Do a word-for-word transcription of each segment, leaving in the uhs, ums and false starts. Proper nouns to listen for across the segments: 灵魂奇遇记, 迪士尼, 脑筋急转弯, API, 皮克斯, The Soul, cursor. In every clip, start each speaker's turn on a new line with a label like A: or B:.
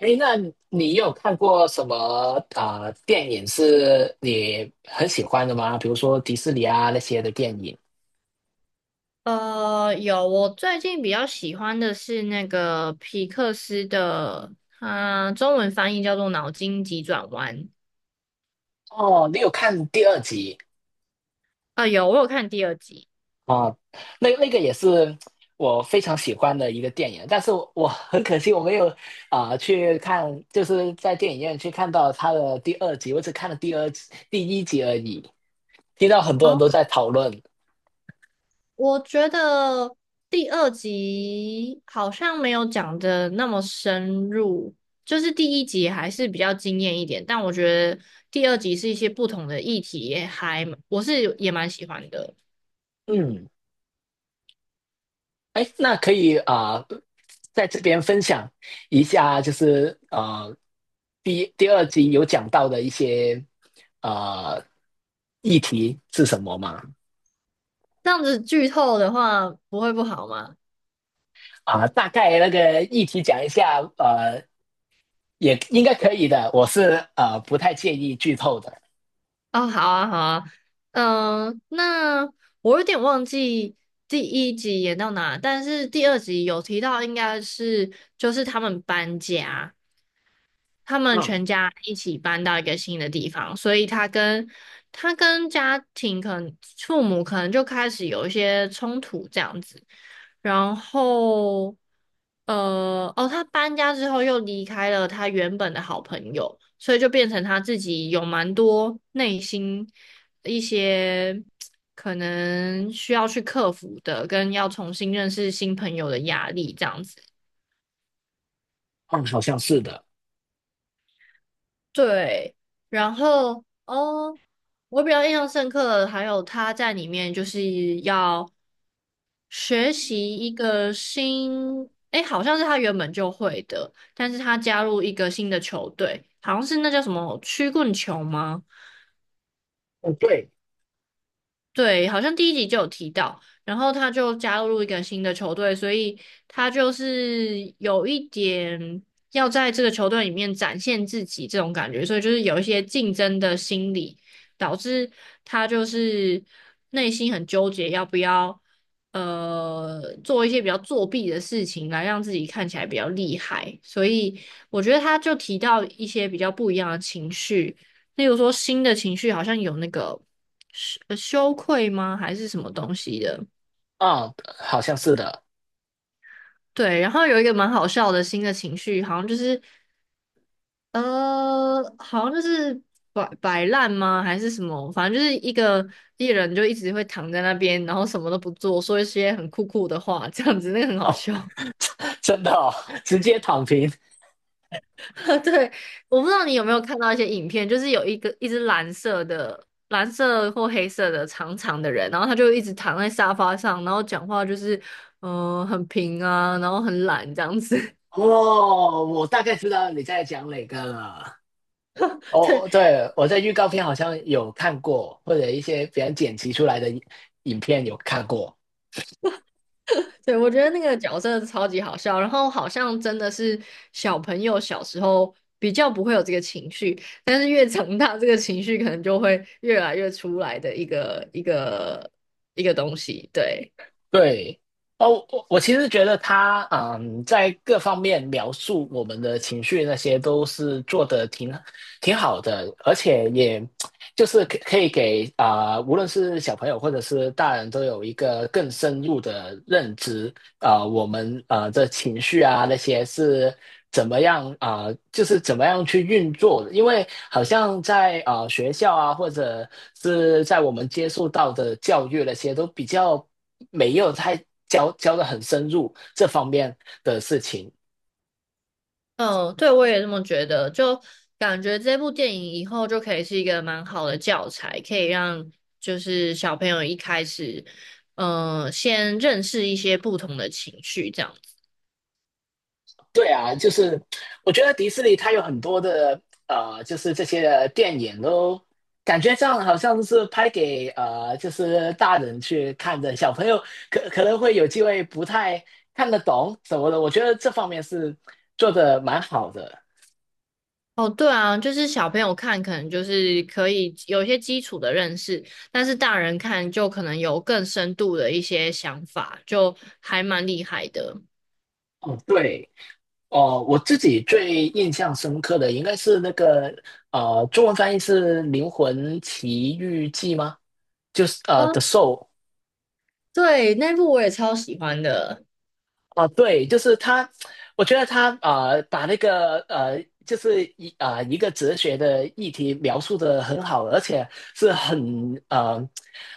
A: 哎，那你有看过什么呃电影是你很喜欢的吗？比如说迪士尼啊那些的电影。
B: 呃，有，我最近比较喜欢的是那个皮克斯的，它中文翻译叫做《脑筋急转弯》。
A: 哦，你有看第二集
B: 啊，有，我有看第二集。
A: 啊？那那个也是我非常喜欢的一个电影，但是我我很可惜我没有啊、去看，就是在电影院去看到它的第二集，我只看了第二集第一集而已。听到很多人
B: 哦，
A: 都在讨论，
B: 我觉得第二集好像没有讲的那么深入，就是第一集还是比较惊艳一点，但我觉得第二集是一些不同的议题，也还，我是也蛮喜欢的。
A: 嗯。哎，那可以啊、呃在这边分享一下，就是呃，第第二集有讲到的一些呃议题是什么吗？
B: 这样子剧透的话，不会不好吗？
A: 啊、大概那个议题讲一下，呃，也应该可以的。我是呃不太介意剧透的。
B: 哦，好啊，好啊，嗯、那我有点忘记第一集演到哪，但是第二集有提到，应该是就是他们搬家，他们
A: 嗯
B: 全家一起搬到一个新的地方，所以他跟他跟家庭可能父母可能就开始有一些冲突这样子。然后，呃，哦，他搬家之后又离开了他原本的好朋友，所以就变成他自己有蛮多内心一些可能需要去克服的，跟要重新认识新朋友的压力这样子。
A: 嗯，好像是的。
B: 对，然后哦。我比较印象深刻的还有他在里面就是要学习一个新，诶，好像是他原本就会的，但是他加入一个新的球队，好像是那叫什么曲棍球吗？
A: 嗯，对，
B: 对，好像第一集就有提到，然后他就加入一个新的球队，所以他就是有一点要在这个球队里面展现自己这种感觉，所以就是有一些竞争的心理，导致他就是内心很纠结，要不要呃做一些比较作弊的事情来让自己看起来比较厉害，所以我觉得他就提到一些比较不一样的情绪，例如说新的情绪好像有那个。羞呃羞愧吗？还是什么东西的？
A: 嗯，好像是的。
B: 对，然后有一个蛮好笑的新的情绪，好像就是呃，好像就是摆摆烂吗？还是什么？反正就是一个艺人就一直会躺在那边，然后什么都不做，说一些很酷酷的话，这样子那个很好
A: 哦，
B: 笑。
A: 真的哦，直接躺平。
B: 对，我不知道你有没有看到一些影片，就是有一个一只蓝色的、蓝色或黑色的长长的人，然后他就一直躺在沙发上，然后讲话就是嗯、呃很平啊，然后很懒这样子。
A: 哦，我大概知道你在讲哪个了。
B: 对
A: 哦，对，我在预告片好像有看过，或者一些别人剪辑出来的影片有看过。
B: 对，我觉得那个角色超级好笑，然后好像真的是小朋友小时候比较不会有这个情绪，但是越长大，这个情绪可能就会越来越出来的一个一个一个东西。对，
A: 对，哦，我我其实觉得他嗯，在各方面描述我们的情绪那些都是做的挺挺好的，而且也就是可可以给啊、呃无论是小朋友或者是大人都有一个更深入的认知啊、呃我们啊这情绪啊那些是怎么样啊、呃就是怎么样去运作的？因为好像在啊、呃学校啊，或者是在我们接触到的教育那些，都比较没有太教教的很深入这方面的事情。
B: 嗯，对，我也这么觉得，就感觉这部电影以后就可以是一个蛮好的教材，可以让就是小朋友一开始，嗯、先认识一些不同的情绪，这样。
A: 对啊，就是我觉得迪士尼它有很多的呃，就是这些电影都感觉上好像是拍给呃，就是大人去看的，小朋友可可能会有机会不太看得懂什么的。我觉得这方面是做的蛮好的。
B: 哦，对啊，就是小朋友看可能就是可以有一些基础的认识，但是大人看就可能有更深度的一些想法，就还蛮厉害的。
A: 哦，对，哦，我自己最印象深刻的应该是那个呃，中文翻译是《灵魂奇遇记》吗？就是呃，
B: 哦，
A: 《The Soul》。
B: 对，那部我也超喜欢的。
A: 啊，对，就是他，我觉得他啊，把那个呃，就是一啊呃一个哲学的议题描述的很好，而且是很呃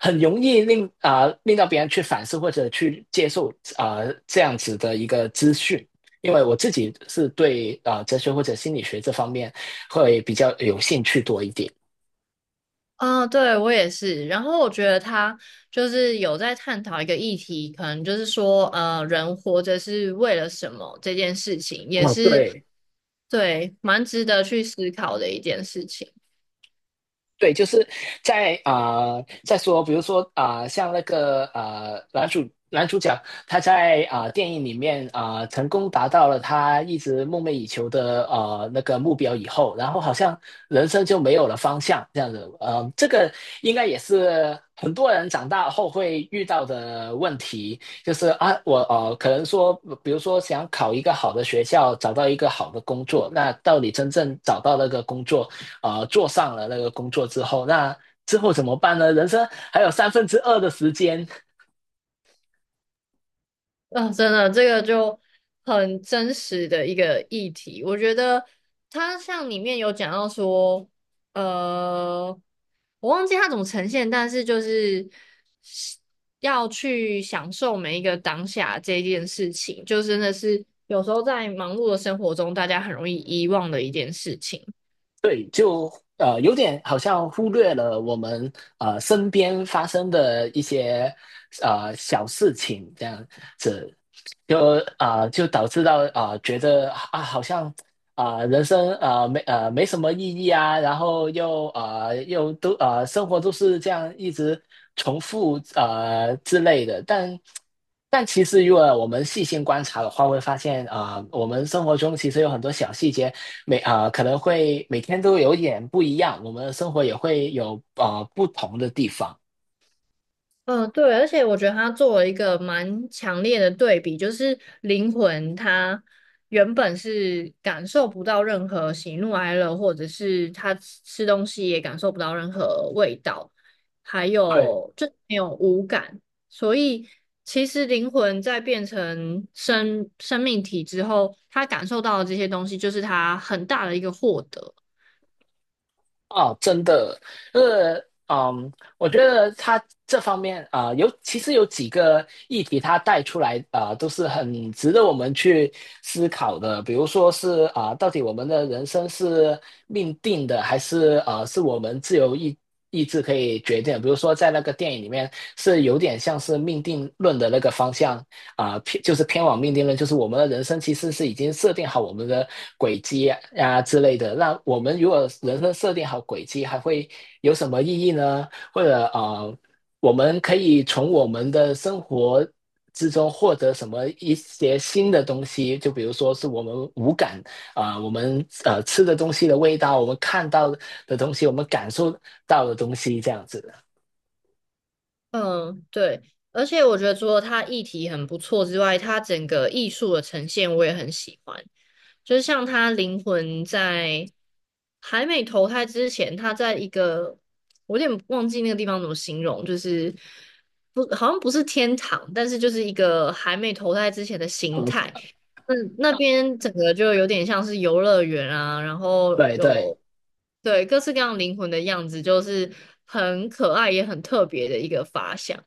A: 很容易令啊、呃令到别人去反思或者去接受啊、呃这样子的一个资讯。因为我自己是对啊、呃哲学或者心理学这方面会比较有兴趣多一点。
B: 啊、对，我也是。然后我觉得他就是有在探讨一个议题，可能就是说，呃，人活着是为了什么这件事情，也
A: 哦，
B: 是
A: 对。
B: 对蛮值得去思考的一件事情。
A: 对，就是在啊、呃在说，比如说啊、呃像那个呃，男主男主角他在啊、呃电影里面啊、呃成功达到了他一直梦寐以求的呃那个目标以后，然后好像人生就没有了方向这样子，呃，这个应该也是很多人长大后会遇到的问题，就是啊，我呃可能说，比如说想考一个好的学校，找到一个好的工作，那到底真正找到那个工作？呃做上了那个工作之后，那之后怎么办呢？人生还有三分之二的时间，
B: 嗯，真的，这个就很真实的一个议题。我觉得它像里面有讲到说，呃，我忘记它怎么呈现，但是就是要去享受每一个当下这件事情，就真的是有时候在忙碌的生活中，大家很容易遗忘的一件事情。
A: 对，就呃有点好像忽略了我们呃身边发生的一些呃小事情这样子，就啊、呃就导致到啊、呃觉得啊，好像啊、呃人生啊、呃没呃没什么意义啊，然后又啊、呃又都啊、呃生活都是这样一直重复啊、之类的。但但其实如果我们细心观察的话，会发现啊、呃我们生活中其实有很多小细节，每啊、呃可能会每天都有点不一样，我们的生活也会有啊、呃不同的地方。
B: 嗯，对，而且我觉得他做了一个蛮强烈的对比，就是灵魂它原本是感受不到任何喜怒哀乐，或者是他吃吃东西也感受不到任何味道，还
A: 对。
B: 有就没有五感，所以其实灵魂在变成生生命体之后，他感受到的这些东西，就是他很大的一个获得。
A: 哦，真的，呃，嗯，我觉得他这方面啊、呃有其实有几个议题，他带出来啊、呃都是很值得我们去思考的。比如说是啊、呃到底我们的人生是命定的，还是呃，是我们自由意意志可以决定的比如说在那个电影里面，是有点像是命定论的那个方向啊、呃偏就是偏往命定论，就是我们的人生其实是已经设定好我们的轨迹呀之类的。那我们如果人生设定好轨迹，还会有什么意义呢？或者啊，我们可以从我们的生活之中获得什么一些新的东西？就比如说是我们五感啊、呃我们呃吃的东西的味道，我们看到的东西，我们感受到的东西，这样子。
B: 嗯，对，而且我觉得除了它议题很不错之外，它整个艺术的呈现我也很喜欢。就是像他灵魂在还没投胎之前，他在一个我有点忘记那个地方怎么形容，就是不好像不是天堂，但是就是一个还没投胎之前的形态。
A: 嗯
B: 嗯，那边整个就有点像是游乐园啊，然后
A: 对对。
B: 有对各式各样灵魂的样子，就是很可爱也很特别的一个发想。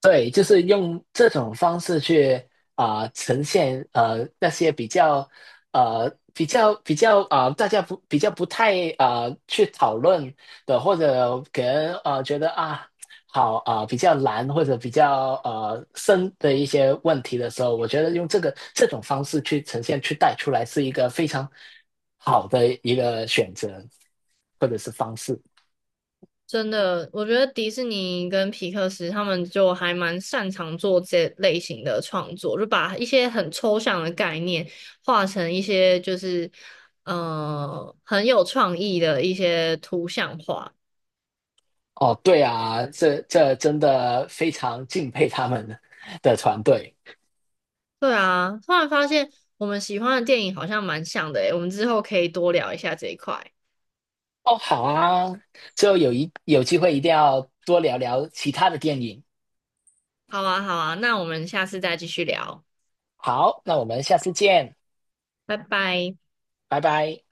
A: 对，就是用这种方式去啊、呃呈现呃那些比较呃比较比较啊、呃大家不比较不太啊、呃去讨论的，或者给人啊觉得啊好啊、呃比较难或者比较呃深的一些问题的时候，我觉得用这个这种方式去呈现去带出来是一个非常好的一个选择或者是方式。
B: 真的，我觉得迪士尼跟皮克斯他们就还蛮擅长做这类型的创作，就把一些很抽象的概念画成一些就是呃很有创意的一些图像化。
A: 哦，对啊，这这真的非常敬佩他们的团队。
B: 对啊，突然发现我们喜欢的电影好像蛮像的诶，我们之后可以多聊一下这一块。
A: 哦，好啊，之后有一有机会一定要多聊聊其他的电影。
B: 好啊，好啊，那我们下次再继续聊，
A: 好，那我们下次见，
B: 拜拜。
A: 拜拜。